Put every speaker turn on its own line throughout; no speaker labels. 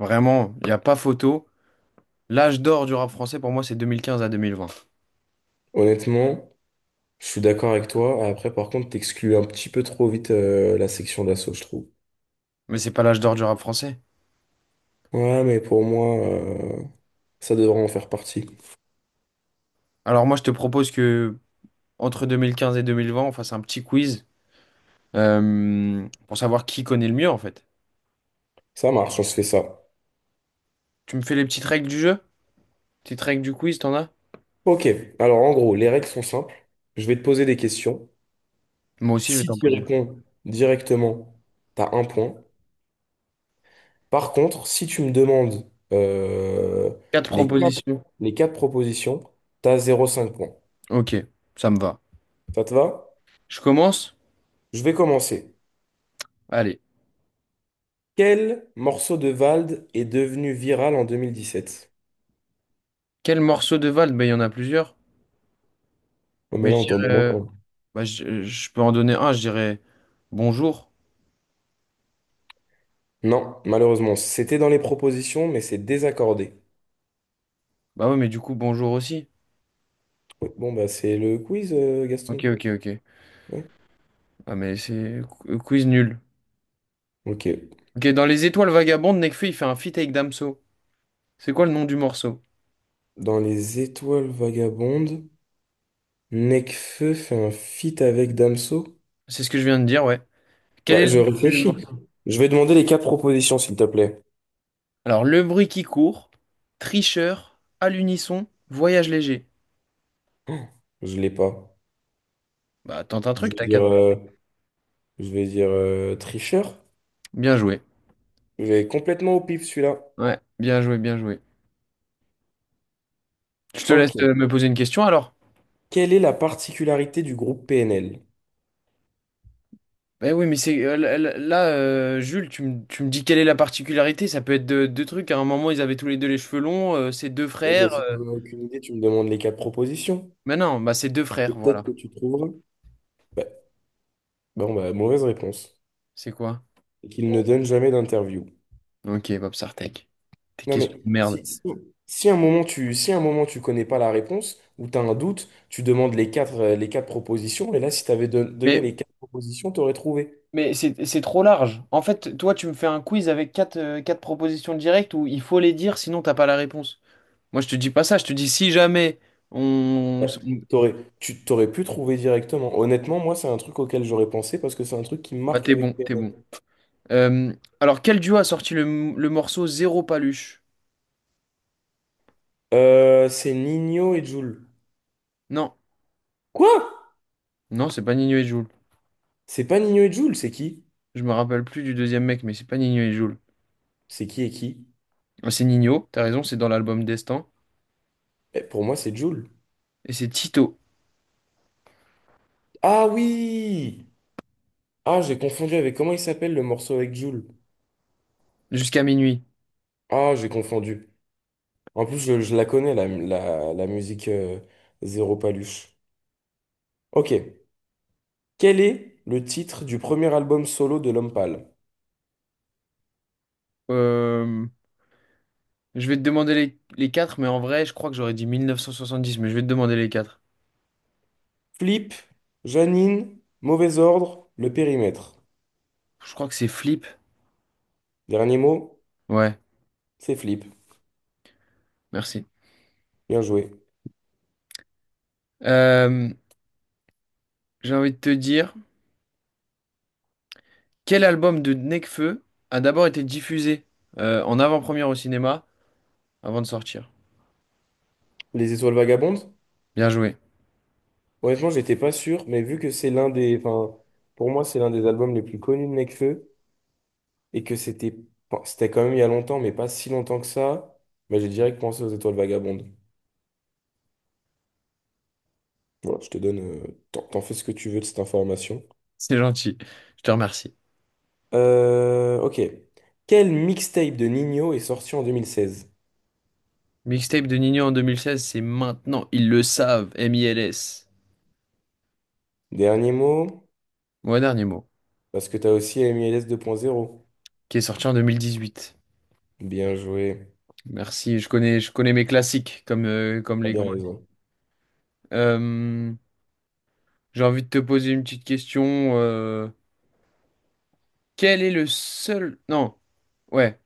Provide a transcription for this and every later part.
Vraiment, il n'y a pas photo. L'âge d'or du rap français, pour moi, c'est 2015 à 2020.
Honnêtement, je suis d'accord avec toi. Après, par contre, t'exclus un petit peu trop vite la section d'assaut, je trouve.
Mais c'est pas l'âge d'or du rap français.
Ouais, mais pour moi, ça devrait en faire partie.
Alors moi, je te propose que entre 2015 et 2020, on fasse un petit quiz pour savoir qui connaît le mieux, en fait.
Ça marche, on se fait ça.
Tu me fais les petites règles du jeu? Petites règles du quiz, t'en as?
Ok, alors en gros, les règles sont simples. Je vais te poser des questions.
Moi aussi, je vais
Si
t'en
tu y
poser.
réponds directement, t'as un point. Par contre, si tu me demandes
Quatre
les quatre,
propositions.
les quatre propositions, t'as 0,5 points.
Ok, ça me va.
Ça te va?
Je commence?
Je vais commencer.
Allez.
Quel morceau de Vald est devenu viral en 2017?
Quel morceau de Vald? Ben, il y en a plusieurs.
Oh, mais
Mais
là,
je
on t'en
dirais
demande un.
bah, je peux en donner un, je dirais Bonjour.
Non, malheureusement, c'était dans les propositions, mais c'est désaccordé.
Bah ouais, mais du coup, bonjour aussi.
Oui, bon, bah, c'est le quiz, Gaston.
Ok, ok, ok.
Ouais.
Ah mais c'est quiz nul.
Ok.
Ok, dans Les Étoiles Vagabondes, Nekfeu, il fait un feat avec Damso. C'est quoi le nom du morceau?
Dans Les Étoiles Vagabondes, Nekfeu fait un feat avec Damso.
C'est ce que je viens de dire, ouais. Quel
Ouais,
est le
je
nom du
réfléchis.
morceau?
Je vais demander les quatre propositions, s'il te plaît.
Alors, Le bruit qui court, Tricheur, À l'unisson, Voyage léger.
Oh, je l'ai pas.
Bah, tente un
Je
truc,
vais
t'as qu'à...
dire, euh, je vais dire tricheur.
Bien joué.
Je vais complètement au pif, celui-là.
Ouais, bien joué, bien joué. Je te laisse
Ok.
me poser une question alors.
Quelle est la particularité du groupe PNL?
Bah oui, mais c'est là, Jules, tu me dis quelle est la particularité? Ça peut être deux trucs. À un moment, ils avaient tous les deux les cheveux longs, c'est deux
Eh bien,
frères.
si tu n'en as aucune idée, tu me demandes les quatre propositions.
Mais non, bah c'est deux
Et
frères,
peut-être
voilà.
que tu trouveras. Bah, bon, bah, mauvaise réponse.
C'est quoi?
Et qu'il ne donne jamais d'interview.
Ok, Bob Sartek. Tes
Non, mais
questions de merde.
si, un moment tu, si un moment tu connais pas la réponse ou tu as un doute, tu demandes les quatre propositions. Et là, si tu avais donné
Mais,
les quatre propositions, tu aurais trouvé.
mais c'est trop large. En fait, toi, tu me fais un quiz avec quatre propositions directes où il faut les dire, sinon t'as pas la réponse. Moi, je te dis pas ça. Je te dis si jamais on...
Ouais.
on-
Tu t'aurais pu trouver directement. Honnêtement, moi, c'est un truc auquel j'aurais pensé parce que c'est un truc qui me
Bah,
marque
t'es bon,
avec
t'es
PNL.
bon. Euh, alors, quel duo a sorti le morceau Zéro Paluche?
C'est Nino et Jul.
Non,
Quoi?
non, c'est pas Nino et Jul.
C'est pas Nino et Jul, c'est qui?
Je me rappelle plus du deuxième mec, mais c'est pas Nino et Jul.
C'est qui et qui?
Ah, c'est Nino, t'as raison, c'est dans l'album Destin.
Eh, pour moi, c'est Jul.
Et c'est Tito,
Ah oui! Ah, j'ai confondu avec comment il s'appelle le morceau avec Jul.
Jusqu'à minuit.
Ah, j'ai confondu. En plus, je la connais, la musique, Zéro Paluche. Ok. Quel est le titre du premier album solo de L'Homme Pâle?
Euh, Je vais te demander les quatre, mais en vrai, je crois que j'aurais dit 1970, mais je vais te demander les quatre.
Flip, Janine, Mauvais Ordre, Le Périmètre.
Je crois que c'est Flip.
Dernier mot,
Ouais,
c'est Flip.
merci.
Bien joué.
Euh, j'ai envie de te dire, quel album de Nekfeu a d'abord été diffusé en avant-première au cinéma avant de sortir?
Les Étoiles Vagabondes?
Bien joué,
Honnêtement, j'étais pas sûr, mais vu que c'est l'un des, enfin, pour moi, c'est l'un des albums les plus connus de Nekfeu et que enfin, c'était quand même il y a longtemps, mais pas si longtemps que ça, bah, j'ai direct pensé aux Étoiles Vagabondes. Voilà, je te donne, t'en t'en fais ce que tu veux de cette information.
c'est gentil. Je te remercie.
Ok. Quel mixtape de Nino est sorti en 2016?
Mixtape de Nino en 2016, c'est maintenant, ils le savent, M.I.L.S.
Dernier mot,
Moi, dernier mot,
parce que t'as aussi MLS 2.0.
qui est sorti en 2018.
Bien joué.
Merci, je connais mes classiques comme
T'as
les
bien
grands.
raison.
Euh, J'ai envie de te poser une petite question. Euh, Quel est le seul... Non, ouais.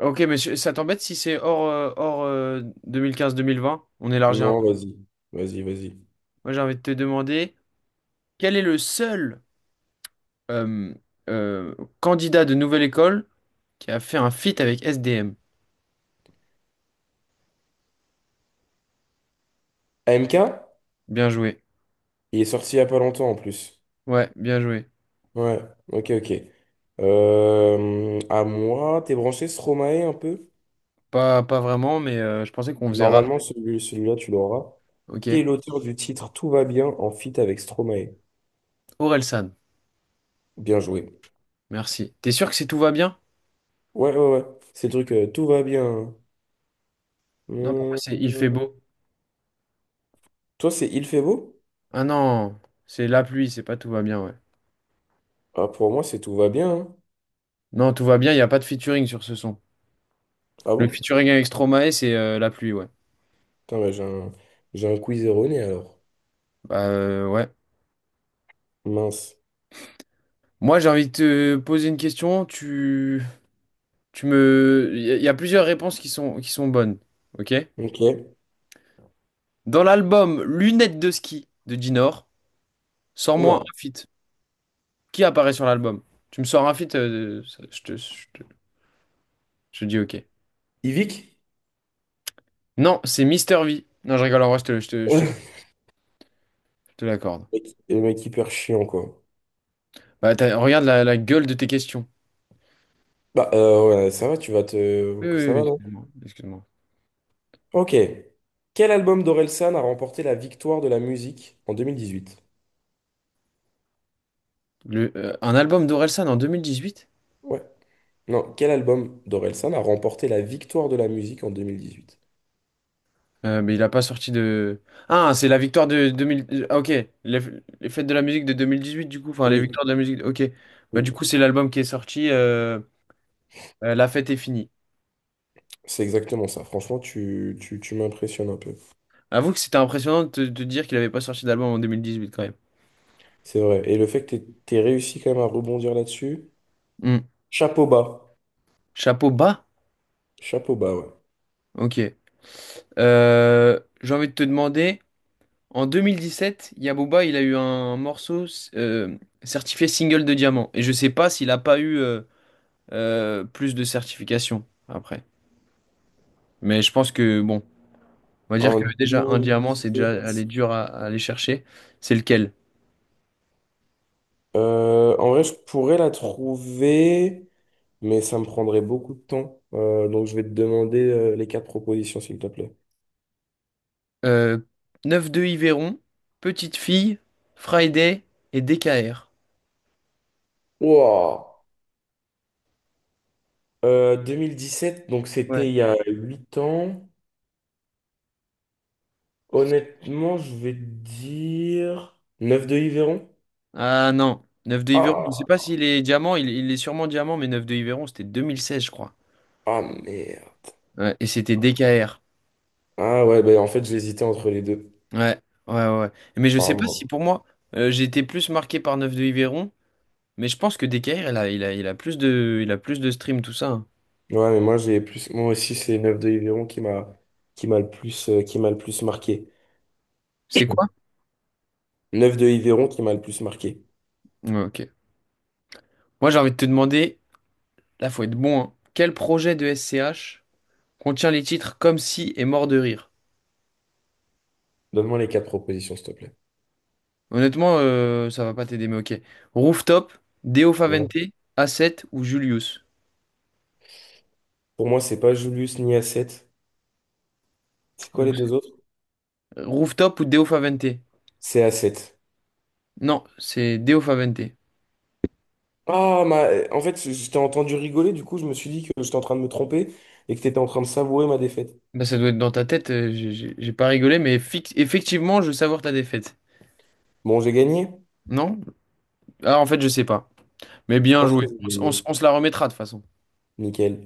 Ok, mais ça t'embête si c'est hors 2015-2020? On élargit un
Non,
peu.
vas-y, vas-y, vas-y.
Moi, j'ai envie de te demander, quel est le seul euh, euh, candidat de Nouvelle École qui a fait un feat avec SDM?
AMK,
Bien joué.
il est sorti il y a pas longtemps en plus.
Ouais, bien joué.
Ouais, ok, ok. À moi, t'es branché Stromae un peu?
Pas vraiment, mais je pensais qu'on faisait
Normalement,
rap.
celui-là, tu l'auras.
Ok.
Qui est l'auteur du titre Tout va bien en feat avec Stromae?
Orelsan,
Bien joué.
merci. T'es sûr que c'est tout va bien?
Ouais, ouais, ouais. C'est le truc Tout va bien.
Non, pour moi,
Hum,
c'est il fait
hum.
beau.
Toi, c'est Il fait beau?
Ah non, c'est la pluie, c'est pas tout va bien, ouais.
Ah, pour moi, c'est Tout va bien, hein.
Non, tout va bien, il n'y a pas de featuring sur ce son.
Ah
Le
bon?
featuring avec Stromae, c'est la pluie, ouais.
Putain, bah, j'ai un quiz erroné alors.
Bah, ouais.
Mince.
Moi, j'ai envie de te poser une question. Il y a plusieurs réponses qui sont bonnes, ok?
Ok.
Dans l'album Lunettes de ski de Dinor, sors-moi
Oula.
un feat. Qui apparaît sur l'album? Tu me sors un feat, je te dis ok.
Yvick?
Non, c'est Mister V. Non, je rigole, en vrai, je te l'accorde.
Le mec hyper chiant, quoi.
Bah, regarde la gueule de tes questions.
Bah, ouais, ça va, tu vas te.
Oui, oui,
Ça
oui,
va, non?
excuse-moi. Excuse-moi.
Ok. Quel album d'Orelsan a remporté la victoire de la musique en 2018?
Un album d'Orelsan en 2018?
Ouais. Non, quel album d'Orelsan a remporté la victoire de la musique en deux mille dix-huit?
Mais il a pas sorti de... Ah, c'est la victoire de 2000. Ah, ok, les fêtes de la musique de 2018 du coup, enfin les
Oui,
victoires de la musique, ok. Bah
oui,
du coup c'est l'album qui est sorti, La fête est finie.
c'est exactement ça. Franchement, tu m'impressionnes un peu.
Avoue que c'était impressionnant de te de dire qu'il avait pas sorti d'album en 2018 quand même.
C'est vrai. Et le fait que tu t'aies réussi quand même à rebondir là-dessus,
Hmm.
chapeau bas.
Chapeau bas?
Chapeau bas, ouais.
Ok. J'ai envie de te demander, en 2017, Yaboba il a eu un morceau euh, certifié single de diamant. Et je sais pas s'il a pas eu... plus de certifications après. Mais je pense que, bon, on va dire
En
que déjà un diamant, c'est déjà aller
2017.
dur à aller chercher. C'est lequel?
En vrai, je pourrais la trouver, mais ça me prendrait beaucoup de temps. Donc, je vais te demander les quatre propositions, s'il te plaît.
Euh, 9-2 Yveron, Petite Fille, Friday et DKR.
Wow. 2017, donc
Ouais.
c'était il y a 8 ans. Honnêtement, je vais te dire 9 de Yveron.
Ah non, neuf 2 Yveron, je ne sais
Ah,
pas s'il est diamant, il est sûrement diamant, mais neuf 2 Yveron, c'était 2016, je crois.
ah merde.
Ouais, et c'était DKR.
Ah ouais, bah, en fait, j'hésitais entre les deux.
Ouais, ouais, ouais, ouais. Mais je
Ah,
sais pas si
merde.
pour moi, j'ai été plus marqué par neuf de Yveron, mais je pense que DKR, il a plus de stream, tout ça, hein.
Ouais, mais moi j'ai plus moi aussi c'est 9 de Yveron qui m'a le plus marqué.
C'est quoi?
Neuf de Yveron qui m'a le plus marqué.
Ouais, ok. Moi, j'ai envie de te demander, là, faut être bon, hein. Quel projet de SCH contient les titres Comme si et Mort de rire?
Donne-moi les quatre propositions s'il te plaît.
Honnêtement, ça va pas t'aider, mais ok. Rooftop, Deo
Ouais.
Favente, A7 ou Julius?
Pour moi, c'est pas Julius ni A7. C'est quoi les
Donc,
deux autres?
Rooftop ou Deo Favente?
C'est A7.
Non, c'est Deo Favente.
Ah, en fait, je t'ai entendu rigoler, du coup, je me suis dit que j'étais en train de me tromper et que tu étais en train de savourer ma défaite.
Bah, ça doit être dans ta tête, j'ai pas rigolé, mais effectivement, je veux savoir ta défaite.
Bon, j'ai gagné.
Non? Ah, en fait, je sais pas. Mais
Je
bien
pense que
joué.
j'ai
On, s- on
gagné.
s- on se la remettra de toute façon.
Nickel.